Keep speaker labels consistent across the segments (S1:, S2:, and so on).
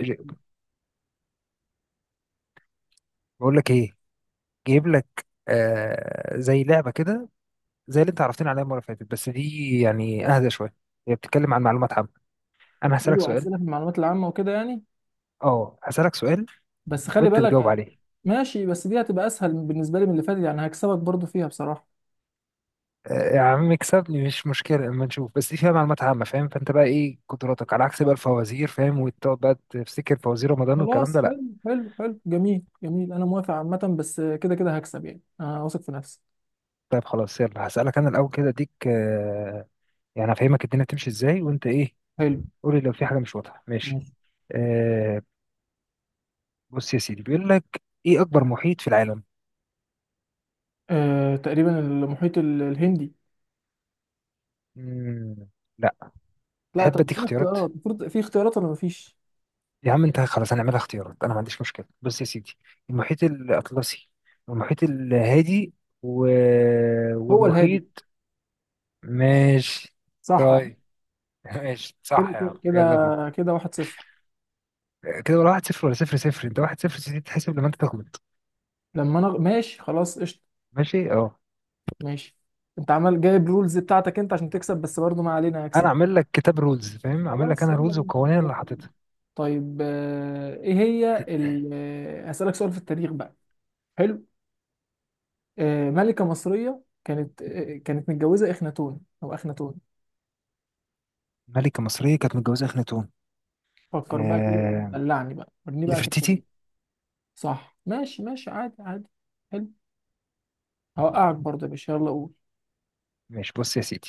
S1: ج- بقول لك ايه، جايب لك آه زي لعبه كده، زي اللي انت عرفتني عليها المره اللي فاتت، بس دي يعني اهدى شويه. هي بتتكلم عن معلومات عامه. انا هسالك
S2: حلو،
S1: سؤال.
S2: اسئله في المعلومات العامه وكده يعني.
S1: اه، هسالك سؤال
S2: بس خلي
S1: وانت تجاوب
S2: بالك.
S1: عليه.
S2: ماشي، بس دي هتبقى اسهل بالنسبه لي من اللي فاتت يعني، هكسبك برضو فيها بصراحه.
S1: آه يا عم اكسبني مش مشكله، اما نشوف. بس دي فيها معلومات عامه، فاهم؟ فانت بقى ايه قدراتك، على عكس بقى الفوازير فاهم، وتقعد بقى تفتكر فوازير رمضان والكلام
S2: خلاص،
S1: ده، لا.
S2: حلو حلو حلو، جميل جميل، انا موافق عامه. بس كده كده هكسب يعني، انا واثق في نفسي.
S1: طيب خلاص يلا هسالك انا الاول كده، اديك يعني هفهمك الدنيا تمشي ازاي وانت ايه.
S2: حلو.
S1: قولي لو في حاجه مش واضحه. ماشي.
S2: ماشي.
S1: آه بص يا سيدي، بيقول لك ايه، اكبر محيط في العالم؟
S2: آه، تقريبا المحيط الهندي.
S1: مم. لا.
S2: لا
S1: تحب
S2: طب،
S1: اديك
S2: في
S1: اختيارات؟
S2: اختيارات؟ المفروض في اختيارات ولا مفيش؟
S1: يا عم انت خلاص هنعملها اختيارات، انا ما عنديش مشكله. بص يا سيدي، المحيط الاطلسي، والمحيط الهادي و...
S2: هو الهادي.
S1: والمحيط. ماشي.
S2: صح.
S1: طيب. ماشي،
S2: كده
S1: صح يا عم،
S2: كده كده،
S1: يلا بينا.
S2: كده 1-0.
S1: كده ولا واحد صفر ولا صفر صفر؟ انت واحد صفر سيدي، تحسب لما انت تغلط.
S2: لما انا ماشي خلاص، قشطه.
S1: ماشي اه.
S2: ماشي. انت عمال جايب رولز بتاعتك انت عشان تكسب، بس برضو ما علينا،
S1: انا
S2: هكسب.
S1: اعمل لك كتاب رولز فاهم، اعمل لك
S2: خلاص
S1: انا
S2: يلا
S1: رولز،
S2: بينا.
S1: والقوانين
S2: يلا
S1: اللي
S2: بينا.
S1: حاططها.
S2: طيب، آه، ايه هي ال... آه، هسألك سؤال في التاريخ بقى. حلو. ملكة مصرية كانت متجوزة اخناتون او اخناتون.
S1: ملكه مصريه كانت متجوزه اخناتون؟
S2: فكر بقى كده،
S1: آه...
S2: دلعني بقى، وريني بقى تكتب.
S1: نفرتيتي.
S2: صح، ماشي ماشي، عادي عادي. حلو. هوقعك برضه يا باشا، يلا قول.
S1: ماشي بص يا سيدي،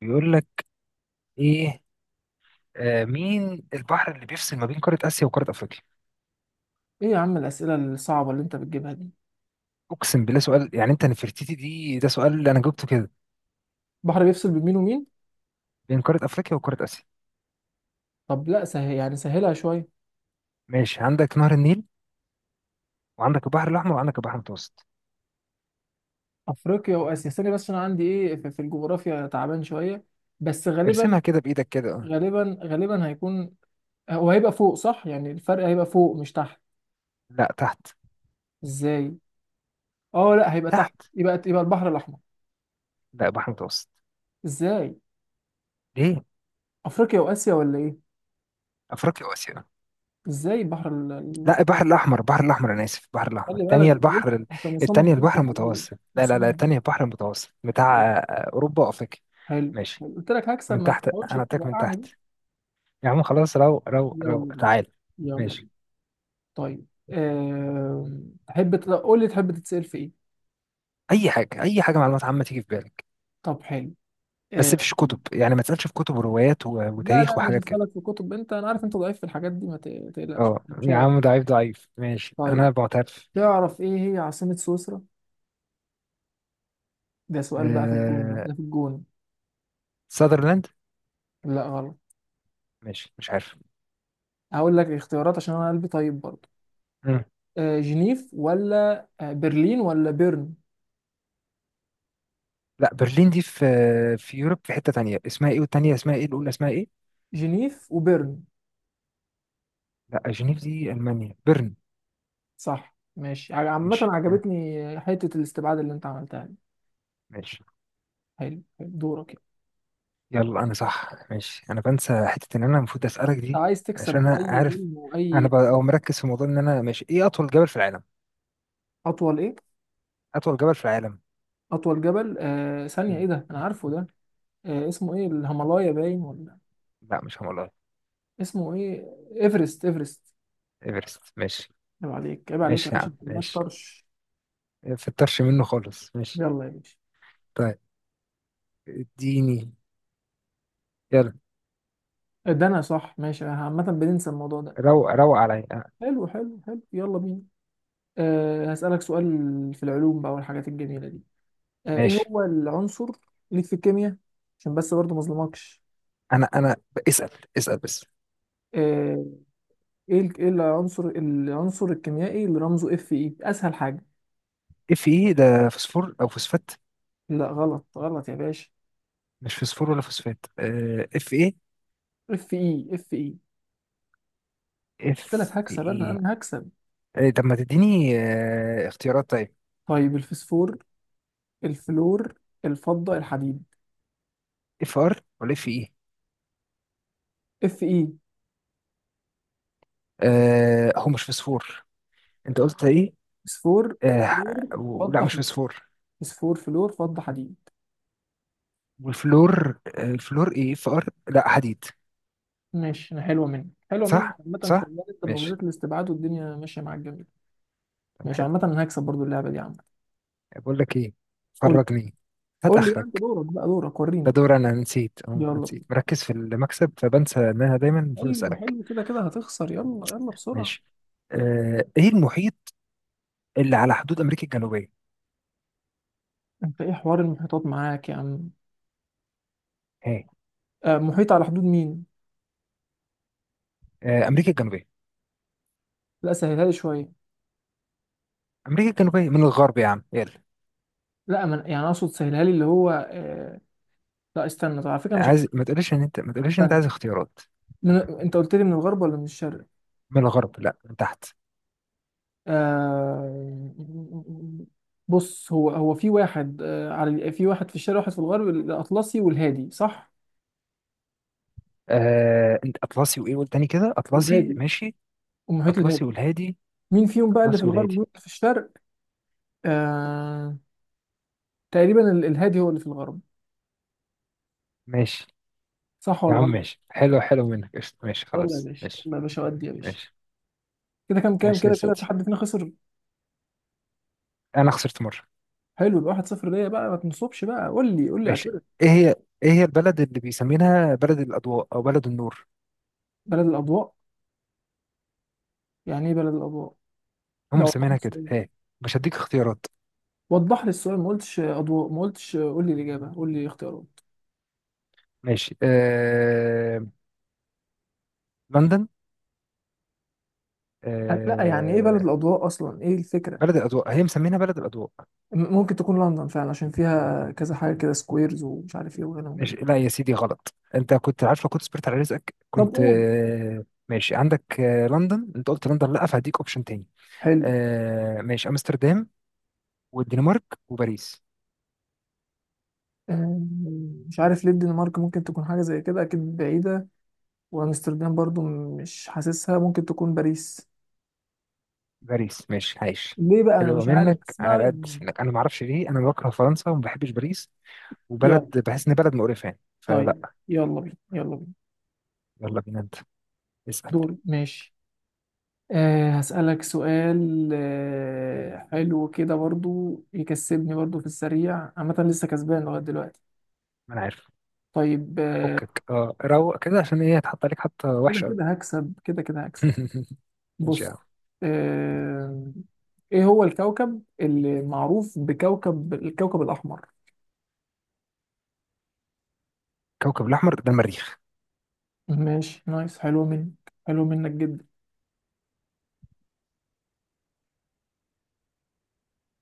S1: بيقول لك ايه. آه، مين البحر اللي بيفصل ما بين قاره اسيا وقاره افريقيا؟
S2: ايه يا عم الأسئلة الصعبة اللي انت بتجيبها دي؟
S1: اقسم بالله سؤال، يعني انت نفرتيتي دي ده سؤال اللي انا جبته كده؟
S2: بحر بيفصل بين مين ومين؟
S1: بين قاره افريقيا وقاره اسيا.
S2: طب لا سهل يعني، سهلها شوية.
S1: ماشي، عندك نهر النيل، وعندك البحر الاحمر، وعندك البحر المتوسط.
S2: افريقيا واسيا ثانية، بس انا عندي ايه، في الجغرافيا تعبان شوية. بس
S1: ارسمها
S2: غالبا،
S1: كده بايدك كده اه.
S2: غالبا هيكون. وهيبقى فوق، صح؟ يعني الفرق هيبقى فوق مش تحت.
S1: لا تحت،
S2: ازاي؟ اه لا، هيبقى تحت،
S1: تحت.
S2: يبقى البحر الاحمر.
S1: لا بحر متوسط.
S2: ازاي؟
S1: ليه؟
S2: افريقيا واسيا ولا ايه؟
S1: افريقيا واسيا.
S2: ازاي البحر
S1: لا البحر الاحمر، البحر الاحمر انا اسف، البحر الاحمر
S2: خلي بالك
S1: الثانيه،
S2: انت، بص،
S1: البحر
S2: انت مصمم
S1: الثانيه البحر
S2: تنصب عليا.
S1: المتوسط. لا لا لا،
S2: مصمم
S1: الثانيه
S2: تنصب عليا.
S1: البحر المتوسط
S2: حلو
S1: بتاع اوروبا وافريقيا.
S2: حلو
S1: ماشي،
S2: حلو. قلت لك هكسب،
S1: من
S2: ما
S1: تحت،
S2: تحاولش
S1: انا اتاك من
S2: توقعني بقى.
S1: تحت. يا عم خلاص، رو رو
S2: يلا
S1: رو
S2: بينا،
S1: تعال.
S2: يلا
S1: ماشي،
S2: بينا. طيب. تحب قول لي تحب تتسأل في ايه؟
S1: اي حاجه، اي حاجه معلومات عامه تيجي في بالك.
S2: طب حلو. أم...
S1: بس مفيش كتب، يعني ما تسالش في كتب وروايات
S2: لا لا
S1: وتاريخ
S2: مش
S1: وحاجات كده.
S2: هسألك في كتب. انت انا عارف انت ضعيف في الحاجات دي، ما ت- تقلقش
S1: اه
S2: مش
S1: يا
S2: هضغط
S1: عم
S2: عليك.
S1: ضعيف ضعيف، ماشي
S2: طيب.
S1: انا معترف.
S2: تعرف ايه هي عاصمة سويسرا؟ ده سؤال بقى في الجون، ده
S1: آه...
S2: ده في الجون.
S1: ساذرلاند.
S2: لا غلط.
S1: ماشي مش عارف.
S2: هقول لك اختيارات عشان انا قلبي طيب برضه.
S1: مم.
S2: جنيف، ولا برلين، ولا بيرن؟
S1: لا برلين دي في يوروب في حته تانية اسمها ايه، والتانية اسمها ايه، الاولى اسمها ايه.
S2: جنيف وبيرن.
S1: لا جنيف دي المانيا، بيرن.
S2: صح، ماشي. عامة
S1: ماشي
S2: عجبتني حتة الاستبعاد اللي انت عملتها دي.
S1: ماشي.
S2: حلو حلو، دورك يعني.
S1: يلا انا صح ماشي، انا بنسى حته ان انا المفروض اسالك
S2: انت
S1: دي.
S2: عايز تكسب
S1: عشان انا
S2: بأي
S1: عارف،
S2: جيم
S1: انا
S2: وأي.
S1: بقى او مركز في موضوع ان انا ماشي. ايه اطول جبل في العالم؟
S2: أطول ايه؟
S1: اطول جبل في العالم.
S2: أطول جبل، ثانية ايه
S1: مم.
S2: ده؟ أنا عارفه ده. اسمه ايه؟ الهيمالايا باين ولا؟
S1: لا مش هقول.
S2: اسمه ايه؟ ايفرست، ايفرست.
S1: ايفرست؟ ماشي
S2: عيب عليك، عيب عليك يا
S1: ماشي يا
S2: باشا،
S1: عم
S2: معلومات
S1: ماشي،
S2: طرش.
S1: ما فطرش منه خالص، ماشي.
S2: يلا يا باشا.
S1: طيب، اديني، يلا.
S2: ده انا صح ماشي، أنا عامة بننسى الموضوع ده.
S1: روق روق عليا
S2: حلو حلو حلو، يلا بينا. أه هسألك سؤال في العلوم بقى والحاجات الجميلة دي. أه ايه
S1: ماشي.
S2: هو العنصر ليك في الكيمياء. عشان بس برضه ما اظلمكش.
S1: انا اسال اسال بس.
S2: أه، ايه العنصر الكيميائي اللي رمزه اف اي؟ اسهل حاجة.
S1: اف ايه ده، فوسفور او فوسفات؟
S2: لا غلط غلط يا باشا.
S1: مش فوسفور ولا فوسفات؟ اف ايه،
S2: اف اي، اف اي. قلت لك
S1: اف
S2: هكسب، انا
S1: ايه؟
S2: انا هكسب.
S1: إيه، طب ما تديني اختيارات، طيب.
S2: طيب الفسفور. الفلور. الفضة، الحديد.
S1: اف ار ولا اف اي؟
S2: اف اي.
S1: آه هو مش فسفور؟ انت قلت ايه؟
S2: فسفور. فلور.
S1: لا
S2: فضة.
S1: مش فسفور.
S2: فوسفور، فلور، فضة، حديد.
S1: والفلور، آه الفلور ايه، اف ار، لا حديد.
S2: ماشي، انا حلوه منك، حلوه منك.
S1: صح
S2: عامة
S1: صح
S2: شغال انت بنظرية
S1: ماشي.
S2: الاستبعاد، والدنيا ماشية معاك، جميل.
S1: طب
S2: ماشي،
S1: حلو.
S2: عامة انا هكسب برضو اللعبة دي عامة.
S1: بقول لك ايه،
S2: قول لي.
S1: فرجني، هات
S2: قول لي بقى، انت
S1: اخرك.
S2: دورك بقى، دورك
S1: ده
S2: وريني.
S1: دور انا نسيت، اه أنا
S2: يلا بينا.
S1: نسيت مركز في المكسب، فبنسى ان انا دايما المفروض
S2: حلو
S1: اسالك.
S2: حلو، كده كده هتخسر، يلا يلا بسرعة.
S1: ماشي. آه ايه المحيط اللي على حدود امريكا الجنوبيه؟
S2: انت ايه حوار المحيطات معاك يا عم؟
S1: هي.
S2: آه، محيط على حدود مين؟
S1: آه امريكا الجنوبيه.
S2: لا سهلها لي شوية.
S1: امريكا الجنوبيه من الغرب يا عم، يلا.
S2: لا، من يعني، اقصد سهلها لي اللي هو لا استنى، طب على فكرة مش
S1: عايز
S2: هختار.
S1: ما تقوليش ان انت، ما تقوليش ان انت
S2: استنى.
S1: عايز اختيارات.
S2: انت قلت لي من الغرب ولا من الشرق؟
S1: من الغرب، لا من تحت.
S2: آه. بص، هو في واحد على في واحد في الشرق واحد في الغرب، الأطلسي والهادي، صح؟
S1: آه انت اطلسي وايه قلت تاني كده، اطلسي
S2: والهادي.
S1: ماشي.
S2: والمحيط
S1: اطلسي
S2: الهادي.
S1: والهادي.
S2: مين فيهم بقى اللي في
S1: اطلسي
S2: الغرب
S1: والهادي.
S2: ومين في الشرق؟ آه. تقريبا الهادي هو اللي في الغرب.
S1: ماشي
S2: صح
S1: يا
S2: ولا
S1: عم
S2: غلط؟
S1: ماشي، حلو حلو منك قشطة، ماشي
S2: يلا يا
S1: خلاص
S2: باشا،
S1: ماشي.
S2: يلا يا باشا، ودي يا باشا.
S1: ماشي
S2: كده كام كام؟
S1: ماشي يا
S2: كده كده في
S1: سيدي،
S2: حد فينا خسر؟
S1: انا خسرت مرة.
S2: حلو، يبقى 1-0 ليا بقى. ما تنصبش بقى، قول لي، قول لي
S1: ماشي.
S2: اعترف.
S1: ايه هي، ايه هي البلد اللي بيسمينها بلد الاضواء او بلد النور؟
S2: بلد الأضواء. يعني ايه بلد الأضواء؟
S1: هم
S2: لو وضح لي
S1: مسمينها كده
S2: السؤال.
S1: ايه. مش هديك اختيارات.
S2: وضح لي السؤال، ما قلتش أضواء، ما قلتش، قول لي الإجابة، قول لي اختيارات.
S1: ماشي لندن.
S2: لا يعني ايه بلد
S1: آه...
S2: الاضواء اصلا؟ ايه الفكره؟
S1: بلد الاضواء، هي مسمينها بلد الاضواء.
S2: ممكن تكون لندن فعلا، عشان فيها كذا حاجه كده، سكويرز ومش عارف ايه، وهنا وهنا.
S1: ماشي لا يا سيدي غلط، انت كنت عارف، لو كنت صبرت على رزقك
S2: طب
S1: كنت
S2: قول.
S1: ماشي عندك لندن، انت قلت لندن لا، فهديك اوبشن تاني.
S2: حلو.
S1: ماشي، امستردام، والدنمارك، وباريس.
S2: أم، مش عارف ليه، الدنمارك ممكن تكون حاجه زي كده، اكيد بعيده. وامستردام برضو. مش حاسسها. ممكن تكون باريس.
S1: باريس؟ ماشي عايش.
S2: ليه بقى؟ انا
S1: حلو
S2: مش عارف،
S1: منك
S2: اسمعني.
S1: على قد سنك. انا ما اعرفش ليه، انا بكره فرنسا وما بحبش باريس،
S2: يلا.
S1: وبلد بحس ان بلد مقرفه يعني
S2: طيب
S1: فلا.
S2: يلا بينا، يلا بينا.
S1: يلا بينا انت، اسال.
S2: دوري ماشي. أه هسألك سؤال. أه حلو كده برضو يكسبني برضو في السريع، عامة لسه كسبان لغاية دلوقتي.
S1: ما انا عارف.
S2: طيب،
S1: فكك اه، روق كده عشان ايه هتحط عليك حتى
S2: كده
S1: وحشه أوي.
S2: كده هكسب، كده كده هكسب.
S1: ماشي يا
S2: بص.
S1: عم.
S2: آه، ايه هو الكوكب اللي معروف بكوكب الاحمر؟
S1: كوكب الاحمر ده المريخ.
S2: ماشي، نايس، حلو منك. حلو منك جدا.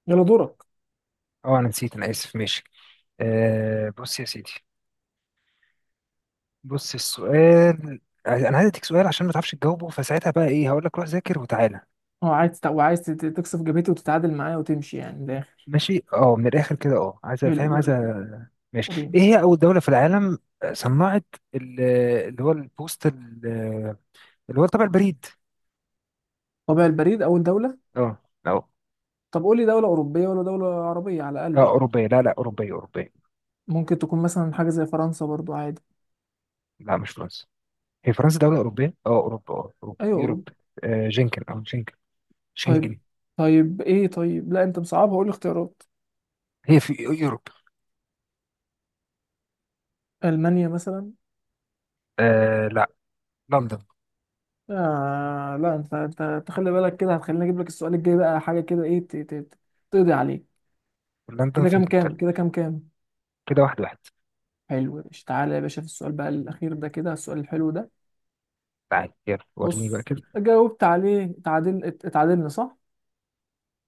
S2: يلا دورك.
S1: اه انا نسيت، انا اسف. ماشي. آه بص يا سيدي، بص السؤال. انا عايز اديك سؤال عشان ما تعرفش تجاوبه، فساعتها بقى ايه، هقول لك روح ذاكر وتعالى.
S2: اه عايز تكسب جبهتي وتتعادل معايا وتمشي يعني من الاخر.
S1: ماشي، اه من الاخر كده اه، عايز
S2: حلو،
S1: فاهم، عايز
S2: وريني.
S1: ماشي.
S2: وريني.
S1: ايه هي اول دوله في العالم صنعت ال- اللي هو البوست اللي هو الطابع البريد؟
S2: طبيعي، البريد، اول دوله.
S1: اه. اه.
S2: طب قول لي دوله اوروبيه ولا دوله عربيه على الاقل
S1: اه
S2: يعني.
S1: اوروبيه، لا لا اوروبيه اوروبيه.
S2: ممكن تكون مثلا حاجه زي فرنسا برضو عادي.
S1: لا مش فرنسا، هي فرنسا دوله اوروبيه اه، اوروبا اه، اوروبا
S2: ايوه
S1: يوروب.
S2: اوروبا.
S1: آه جنكن اه جنكن
S2: طيب.
S1: شنجن.
S2: طيب ايه؟ طيب لا، انت مصعبها، قول لي اختيارات.
S1: هي في يوروب.
S2: المانيا مثلا.
S1: آه لا، لندن.
S2: آه لا، انت خلي بالك كده، هتخليني اجيب لك السؤال الجاي بقى حاجه كده، ايه تقضي عليك.
S1: ولا انت
S2: كده
S1: في
S2: كام كام؟
S1: انجلترا.
S2: كده كام كام.
S1: كده واحد واحد.
S2: حلو يا باشا، تعالى يا باشا، في السؤال بقى الاخير ده، كده السؤال الحلو ده.
S1: تعال يلا، وريني بقى
S2: بص،
S1: كده.
S2: جاوبت عليه، اتعادلنا صح.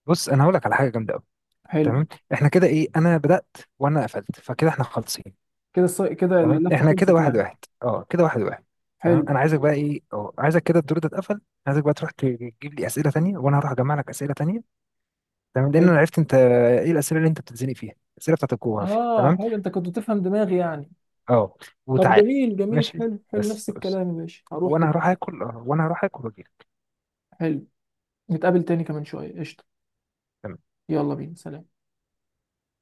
S1: بص، انا هقول لك على حاجه جامده قوي.
S2: حلو.
S1: تمام، احنا كده ايه، انا بدات وانا قفلت فكده احنا خالصين.
S2: كده كده
S1: تمام،
S2: اللفه
S1: احنا كده
S2: خلصت
S1: واحد
S2: يعني.
S1: واحد، اه كده واحد واحد. تمام،
S2: حلو
S1: انا عايزك بقى ايه، اه عايزك كده الدور ده اتقفل. عايزك بقى تروح تجيب لي اسئله تانية، وانا هروح اجمع لك اسئله تانية. تمام، لان
S2: حلو.
S1: انا عرفت انت ايه الاسئله اللي انت بتتزنق فيها، الاسئله بتاعت الجغرافيا.
S2: اه
S1: تمام
S2: حلو، انت كنت تفهم دماغي يعني.
S1: اه.
S2: طب
S1: وتعال.
S2: جميل جميل،
S1: ماشي
S2: حلو حلو،
S1: بس
S2: نفس
S1: خلاص.
S2: الكلام يا باشا، هروح
S1: وانا هروح
S2: دلوقتي.
S1: اكل، اه وانا هروح اكل واجي.
S2: حلو. نتقابل تاني كمان شويه، قشطه. يلا بينا، سلام.